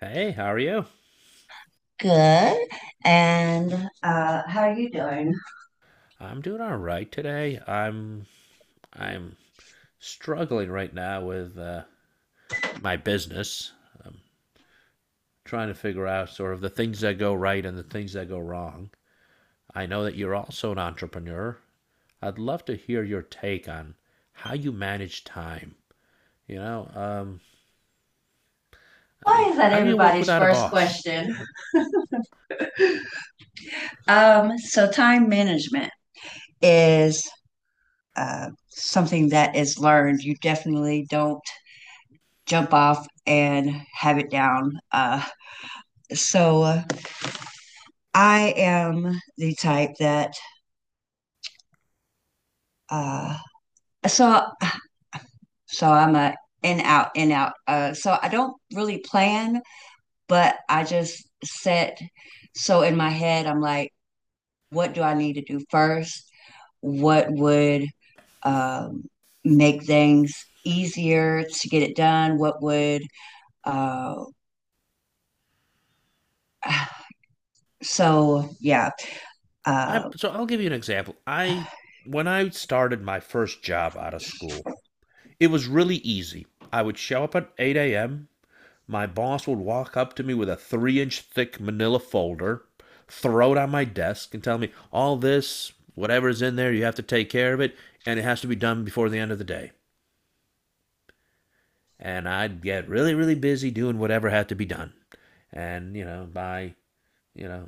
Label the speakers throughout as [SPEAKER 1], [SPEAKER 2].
[SPEAKER 1] Hey, how are you?
[SPEAKER 2] Good. And
[SPEAKER 1] I'm doing all right today. I'm struggling right now with my business. I'm trying to figure out sort of the things that go right and the things that go wrong. I know that you're also an entrepreneur. I'd love to hear your take on how you manage time. You know, um, I
[SPEAKER 2] Why
[SPEAKER 1] mean,
[SPEAKER 2] is that
[SPEAKER 1] how do you work
[SPEAKER 2] everybody's
[SPEAKER 1] without a
[SPEAKER 2] first
[SPEAKER 1] boss?
[SPEAKER 2] question? So time management is something that is learned. You definitely don't jump off and have it down. So uh, I am the type that uh, so I'm a in out in out. So I don't really plan, but I just set. So in my head, I'm like, what do I need to do first? What would um, make things easier to get it done? Uh, so yeah.
[SPEAKER 1] I'm
[SPEAKER 2] Uh,
[SPEAKER 1] so I'll give you an example. I when I started my first job out of school, it was really easy. I would show up at 8 a.m. My boss would walk up to me with a three-inch thick manila folder, throw it on my desk, and tell me, all this, whatever's in there, you have to take care of it, and it has to be done before the end of the day. And I'd get really, really busy doing whatever had to be done. And, you know,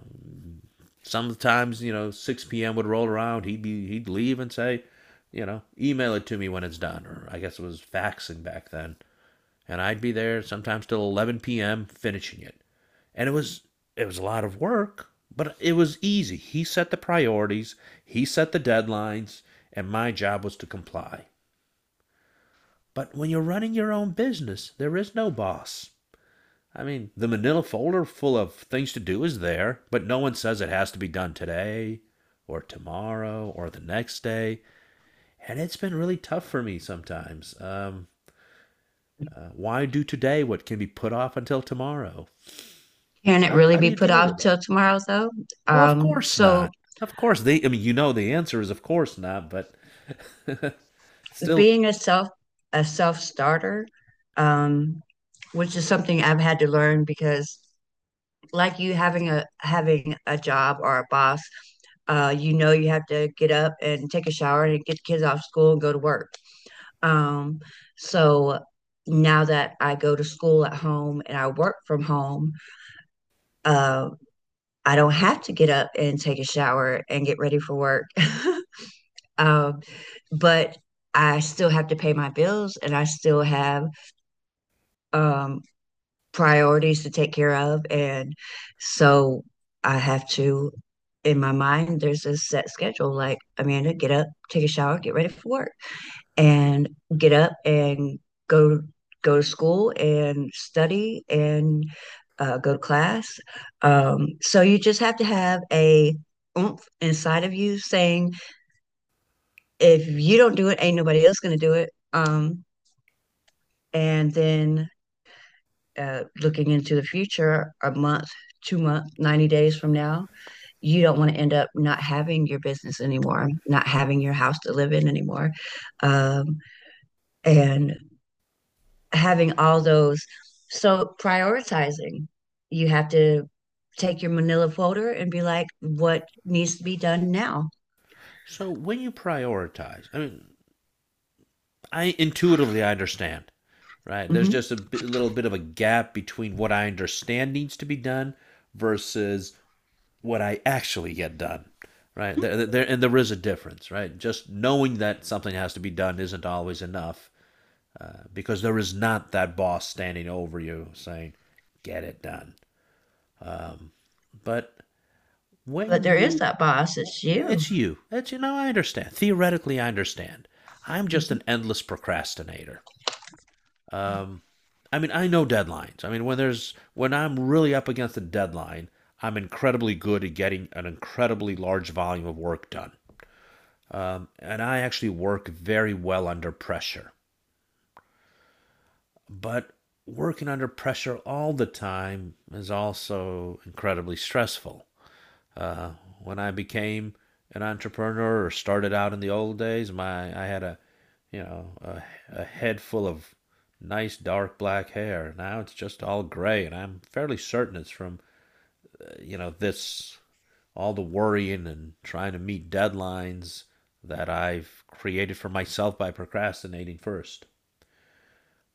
[SPEAKER 1] sometimes, 6 p.m. would roll around, he'd leave and say, you know, email it to me when it's done, or I guess it was faxing back then. And I'd be there sometimes till 11 p.m. finishing it. And it was a lot of work, but it was easy. He set the priorities, he set the deadlines, and my job was to comply. But when you're running your own business, there is no boss. I mean, the manila folder full of things to do is there, but no one says it has to be done today or tomorrow or the next day. And it's been really tough for me sometimes. Why do today what can be put off until tomorrow?
[SPEAKER 2] Can it
[SPEAKER 1] How,
[SPEAKER 2] really
[SPEAKER 1] how do
[SPEAKER 2] be
[SPEAKER 1] you
[SPEAKER 2] put
[SPEAKER 1] deal
[SPEAKER 2] off
[SPEAKER 1] with that?
[SPEAKER 2] till tomorrow though?
[SPEAKER 1] Well, of
[SPEAKER 2] Um,
[SPEAKER 1] course
[SPEAKER 2] so
[SPEAKER 1] not. Of course they I mean, you know the answer is of course not, but still
[SPEAKER 2] being a self starter, um, which is something I've had to learn because like you having a job or a boss, you know you have to get up and take a shower and get the kids off school and go to work. Um, so now that I go to school at home and I work from home, uh, I don't have to get up and take a shower and get ready for work. um, but I still have to pay my bills and I still have um, priorities to take care of. And so I have to, in my mind, there's a set schedule like, Amanda, get up, take a shower, get ready for work, and get up and go go to school and study and go to class. So you just have to have a oomph inside of you saying, if you don't do it, ain't nobody else going to do it. And then looking into the future, a month, 2 months, 90 days from now, you don't want to end up not having your business anymore, not having your house to live in anymore. Um, and having all those. So prioritizing, you have to take your manila folder and be like, what needs to be done now?
[SPEAKER 1] so when you prioritize, I intuitively I understand, right? There's
[SPEAKER 2] Hmm.
[SPEAKER 1] just little bit of a gap between what I understand needs to be done versus what I actually get done, right? And there is a difference, right? Just knowing that something has to be done isn't always enough. Because there is not that boss standing over you saying, get it done. But when
[SPEAKER 2] But there is
[SPEAKER 1] you.
[SPEAKER 2] that boss,
[SPEAKER 1] Well,
[SPEAKER 2] it's
[SPEAKER 1] yeah,
[SPEAKER 2] you.
[SPEAKER 1] it's you. It's you know, I understand. Theoretically, I understand. I'm just
[SPEAKER 2] Mhm.
[SPEAKER 1] an endless procrastinator. Um, I mean, I know deadlines. I mean, when I'm really up against a deadline, I'm incredibly good at getting an incredibly large volume of work done. And I actually work very well under pressure. But working under pressure all the time is also incredibly stressful. When I became an entrepreneur or started out in the old days, my I had a you know a head full of nice dark black hair. Now it's just all gray, and I'm fairly certain it's from you know this all the worrying and trying to meet deadlines that I've created for myself by procrastinating first.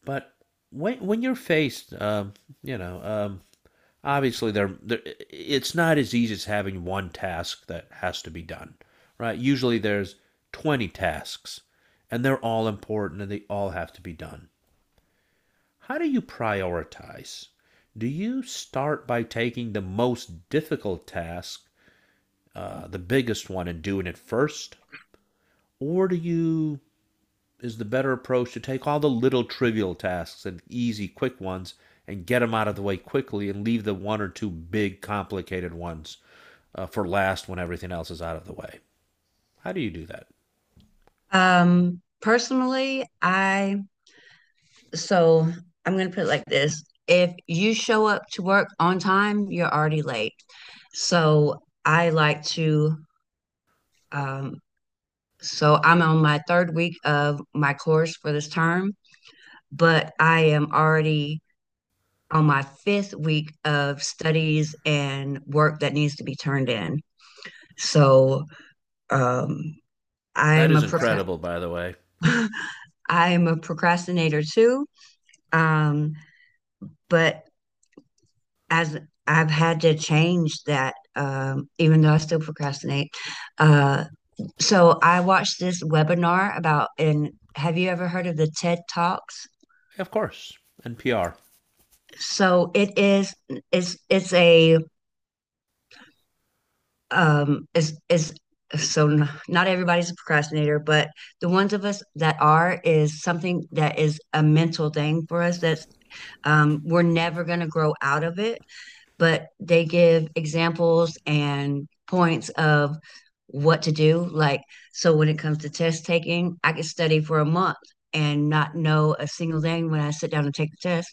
[SPEAKER 1] But when you're faced, you know, um, obviously they're it's not as easy as having one task that has to be done right. Usually there's 20 tasks and they're all important and they all have to be done. How do you prioritize? Do you start by taking the most difficult task, the biggest one and doing it first, or do you is the better approach to take all the little trivial tasks and easy, quick ones and get them out of the way quickly and leave the one or two big, complicated ones for last when everything else is out of the way. How do you do that?
[SPEAKER 2] Personally, so I'm going to put it like this. If you show up to work on time, you're already late. So I like to, um, I'm on my third week of my course for this term, but I am already on my fifth week of studies and work that needs to be turned in. So um,
[SPEAKER 1] That
[SPEAKER 2] I'm a
[SPEAKER 1] is
[SPEAKER 2] procra-
[SPEAKER 1] incredible, by the way.
[SPEAKER 2] I'm a procrastinator too. Um, but as I've had to change that, even though I still procrastinate. Uh, so I watched this webinar about, and have you ever heard of the TED Talks?
[SPEAKER 1] Of course, NPR.
[SPEAKER 2] So it is, it's a, it's, so Not everybody's a procrastinator, but the ones of us that are is something that is a mental thing for us. We're never going to grow out of it, but they give examples and points of what to do. Like, so when it comes to test taking, I could study for a month and not know a single thing when I sit down and take the test.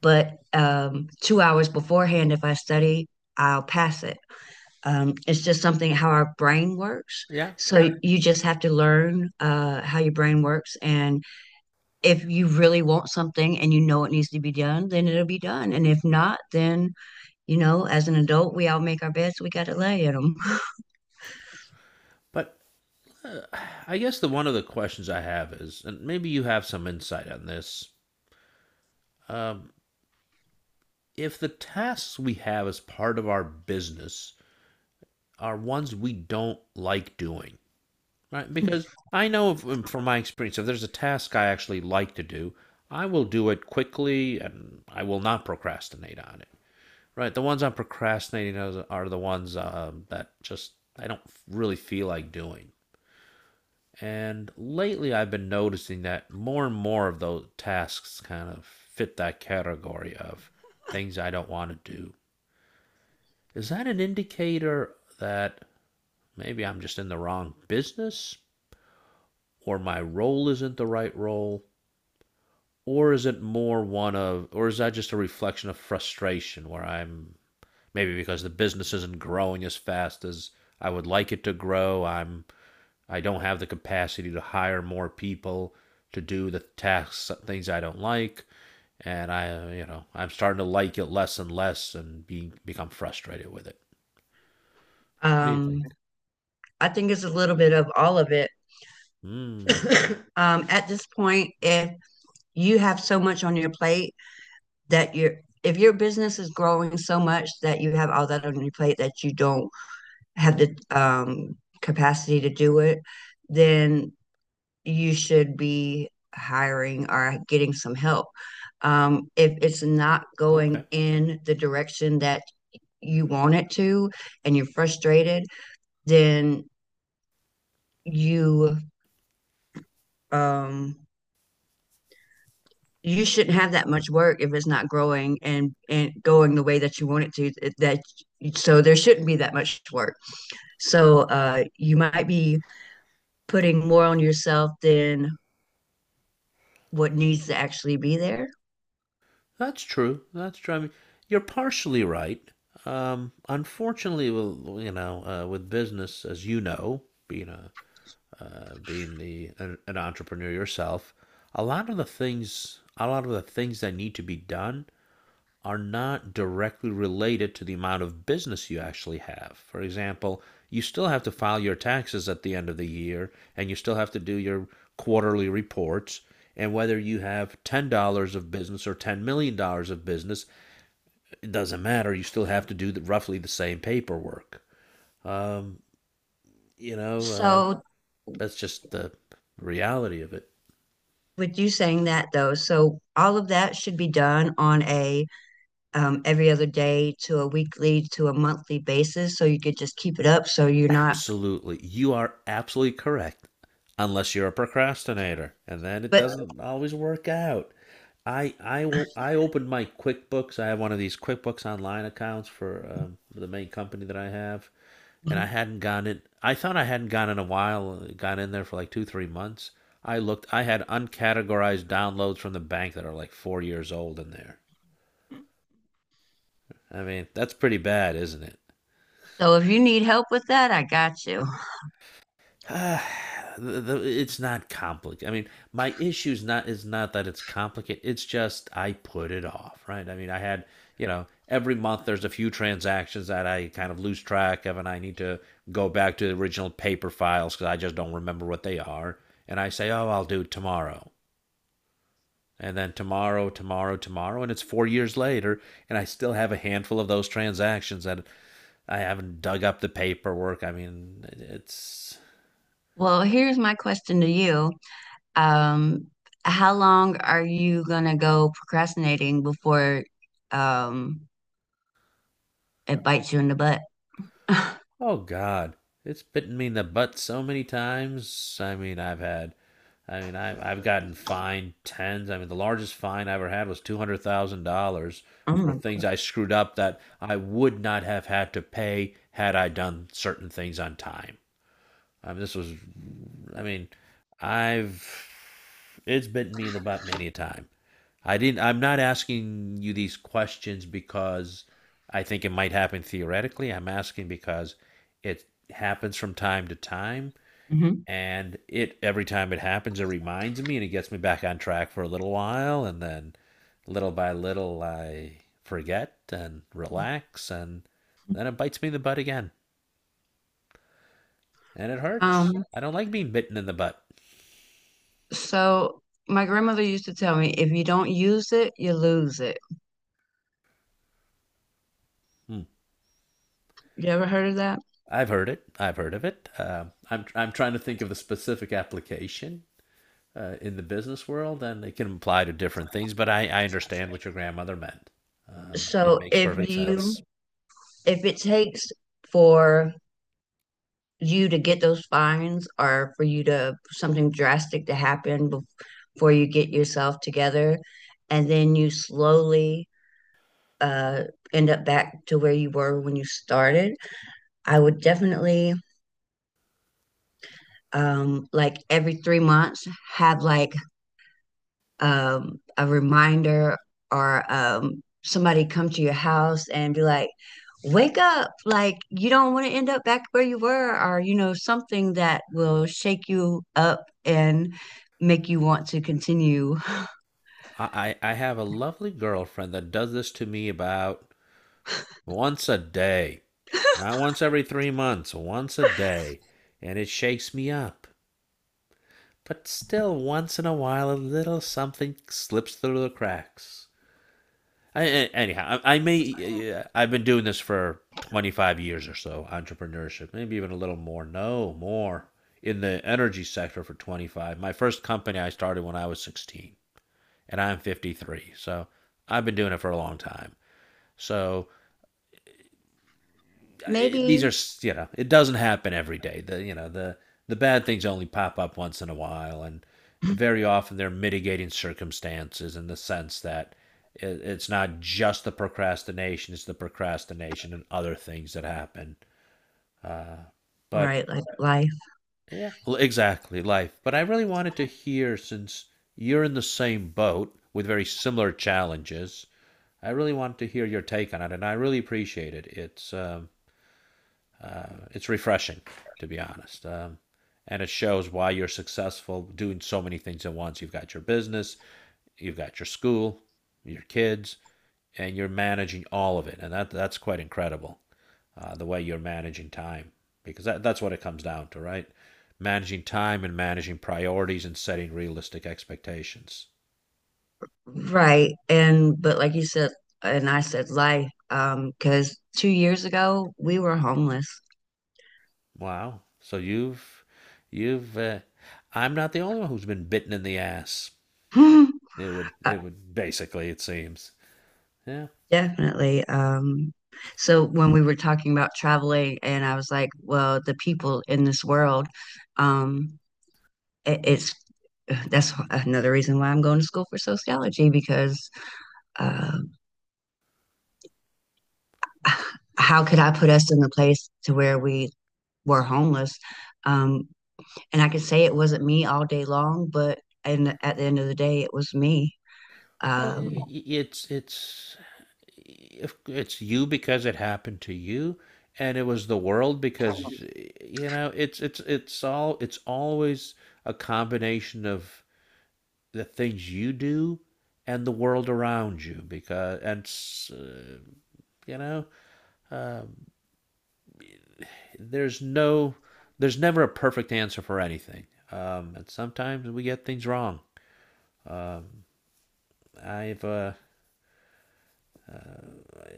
[SPEAKER 2] But 2 hours beforehand, if I study, I'll pass it. It's just something how our brain works.
[SPEAKER 1] Yeah.
[SPEAKER 2] So you just have to learn how your brain works. And if you really want something and you know it needs to be done, then it'll be done. And if not, then you know, as an adult, we all make our beds, we got to lay in them.
[SPEAKER 1] But I guess the one of the questions I have is, and maybe you have some insight on this, um, if the tasks we have as part of our business are ones we don't like doing, right, because I know from my experience, if there's a task I actually like to do, I will do it quickly and I will not procrastinate on it. Right, the ones I'm procrastinating are the ones that just I don't really feel like doing. And lately, I've been noticing that more and more of those tasks kind of fit that category of things I don't want to do. Is that an indicator that maybe I'm just in the wrong business or my role isn't the right role? Or is it more one of or is that just a reflection of frustration where I'm maybe because the business isn't growing as fast as I would like it to grow. I'm I don't have the capacity to hire more people to do the tasks things I don't like, and I you know I'm starting to like it less and less and become frustrated with it. What do you
[SPEAKER 2] Um,
[SPEAKER 1] think?
[SPEAKER 2] I think it's a little bit of all of it.
[SPEAKER 1] Hmm.
[SPEAKER 2] At this point, if you have so much on your plate that you're, if your business is growing so much that you have all that on your plate that you don't have the capacity to do it, then you should be hiring or getting some help. If it's not
[SPEAKER 1] Okay.
[SPEAKER 2] going in the direction that you want it to and you're frustrated, then you um you shouldn't have that much work if it's not growing and going the way that you want it to that so there shouldn't be that much work. So you might be putting more on yourself than what needs to actually be there.
[SPEAKER 1] That's true. That's true. I mean, you're partially right. Unfortunately, well, you know, with business, as you know, being a being an entrepreneur yourself, a lot of the things that need to be done are not directly related to the amount of business you actually have. For example, you still have to file your taxes at the end of the year and you still have to do your quarterly reports. And whether you have $10 of business or $10 million dollars of business, it doesn't matter. You still have to do roughly the same paperwork. Um, you know, uh,
[SPEAKER 2] So
[SPEAKER 1] that's just the reality of it.
[SPEAKER 2] with you saying that though, so all of that should be done on a, every other day to a weekly to a monthly basis so you could just keep it up so you're not
[SPEAKER 1] Absolutely. You are absolutely correct. Unless you're a procrastinator, and then it
[SPEAKER 2] but
[SPEAKER 1] doesn't always work out. I opened my QuickBooks. I have one of these QuickBooks Online accounts for the main company that I have, and I hadn't gone in. I thought I hadn't gone in a while. Gone in there for like two three months. I looked. I had uncategorized downloads from the bank that are like 4 years old in there. I mean, that's pretty bad, isn't it?
[SPEAKER 2] So if you need help with that, I got you.
[SPEAKER 1] Uh, it's not complicated. I mean, my issue's not is not that it's complicated. It's just I put it off, right? I mean, I had you know every month there's a few transactions that I kind of lose track of, and I need to go back to the original paper files because I just don't remember what they are. And I say, oh, I'll do it tomorrow, and then tomorrow, and it's 4 years later, and I still have a handful of those transactions that I haven't dug up the paperwork. I mean, it's
[SPEAKER 2] Well, here's my question to you. Um, how long are you gonna go procrastinating before um it bites you in the butt?
[SPEAKER 1] oh God, it's bitten me in the butt so many times. I mean, I've gotten fined tens. I mean, the largest fine I ever had was $200,000
[SPEAKER 2] Oh
[SPEAKER 1] for
[SPEAKER 2] my.
[SPEAKER 1] things I screwed up that I would not have had to pay had I done certain things on time. I mean, this was, I mean, I've It's bitten me in the butt many a time. I didn't. I'm not asking you these questions because I think it might happen theoretically. I'm asking because it happens from time to time,
[SPEAKER 2] Mhm.
[SPEAKER 1] and it every time it happens, it reminds me, and it gets me back on track for a little while, and then little by little, I forget and relax, and then it bites me in the butt again, and it hurts.
[SPEAKER 2] Um,
[SPEAKER 1] I don't like being bitten in the butt.
[SPEAKER 2] so my grandmother used to tell me, if you don't use it, you lose it.
[SPEAKER 1] Hmm.
[SPEAKER 2] You ever heard of that?
[SPEAKER 1] I've heard of it. I'm trying to think of the specific application in the business world, and it can apply to different things. But I understand what your grandmother meant. It
[SPEAKER 2] So
[SPEAKER 1] makes
[SPEAKER 2] if
[SPEAKER 1] perfect
[SPEAKER 2] you,
[SPEAKER 1] sense.
[SPEAKER 2] if it takes for you to get those fines or for you to something drastic to happen bef- before you get yourself together and then you slowly uh, end up back to where you were when you started, I would definitely, like every 3 months have like, a reminder or somebody come to your house and be like, wake up, like you don't want to end up back where you were, or you know, something that will shake you up and make you want to continue.
[SPEAKER 1] I have a lovely girlfriend that does this to me about once a day, not once every 3 months, once a day, and it shakes me up. But still, once in a while, a little something slips through the cracks. I, Anyhow, I may. Yeah, I've been doing this for 25 years or so, entrepreneurship, maybe even a little more. No, more in the energy sector for 25. My first company I started when I was 16, and I'm 53. So I've been doing it for a long time. So these
[SPEAKER 2] Maybe.
[SPEAKER 1] are it doesn't happen every day. The you know The bad things only pop up once in a while and very often they're mitigating circumstances in the sense that it's not just the procrastination. It's the procrastination and other things that happen. But
[SPEAKER 2] Right, like life.
[SPEAKER 1] yeah, exactly, life. But I really wanted to hear since you're in the same boat with very similar challenges. I really wanted to hear your take on it, and I really appreciate it. It's refreshing, to be honest. And it shows why you're successful doing so many things at once. You've got your business, you've got your school, your kids, and you're managing all of it. And that's quite incredible, the way you're managing time, because that's what it comes down to, right? Managing time and managing priorities and setting realistic expectations.
[SPEAKER 2] Right. And, but like you said, and I said life, because 2 years ago we were homeless.
[SPEAKER 1] Wow. So you've I'm not the only one who's been bitten in the ass.
[SPEAKER 2] uh,
[SPEAKER 1] It would basically, it seems. Yeah,
[SPEAKER 2] Definitely. So when we were talking about traveling, and I was like, well, the people in this world, um, it's that's another reason why I'm going to school for sociology because uh, how could I put us in the place to where we were homeless? Um, and I could say it wasn't me all day long, but and at the end of the day, it was me.
[SPEAKER 1] well,
[SPEAKER 2] Um,
[SPEAKER 1] it's if it's you because it happened to you, and it was the world. Because you know it's always a combination of the things you do and the world around you. Because you know there's no there's never a perfect answer for anything, and sometimes we get things wrong. I've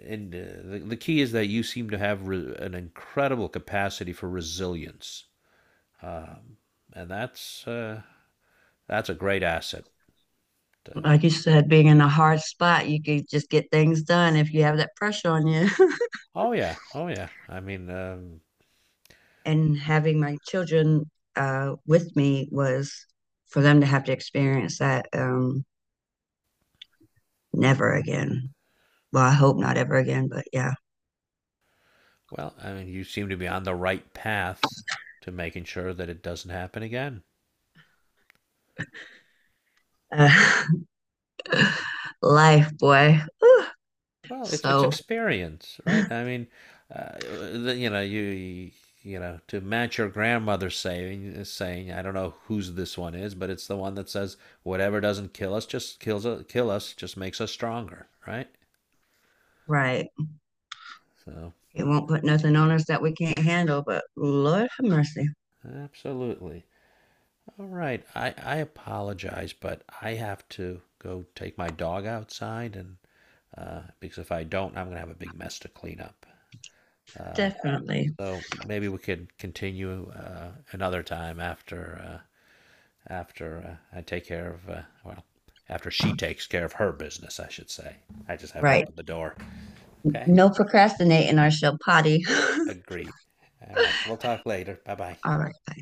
[SPEAKER 1] and The key is that you seem to have an incredible capacity for resilience, um, and that's a great asset. Uh,
[SPEAKER 2] like you said, being in a hard spot, you could just get things done if you have that pressure on you.
[SPEAKER 1] oh yeah, oh yeah. I mean,
[SPEAKER 2] And having my children with me was, for them to have to experience that, never again. Well, I hope not ever again, but yeah.
[SPEAKER 1] well, I mean, you seem to be on the right path to making sure that it doesn't happen again.
[SPEAKER 2] Uh, life, boy. Whew.
[SPEAKER 1] Well, it's
[SPEAKER 2] So,
[SPEAKER 1] experience, right? I mean, you know, you know, to match your grandmother's saying, I don't know whose this one is, but it's the one that says, "Whatever doesn't kill us, just makes us stronger," right?
[SPEAKER 2] right.
[SPEAKER 1] So,
[SPEAKER 2] It won't put nothing on us that we can't handle, but Lord have mercy.
[SPEAKER 1] absolutely. All right, I apologize, but I have to go take my dog outside, and because if I don't, I'm gonna have a big mess to clean up. Uh,
[SPEAKER 2] Definitely.
[SPEAKER 1] so maybe we could continue another time after I take care of after she takes care of her business, I should say. I just have to
[SPEAKER 2] Right.
[SPEAKER 1] open the door. Okay,
[SPEAKER 2] No procrastinating or she'll potty.
[SPEAKER 1] agreed. All right, we'll talk later. Bye bye.
[SPEAKER 2] All right.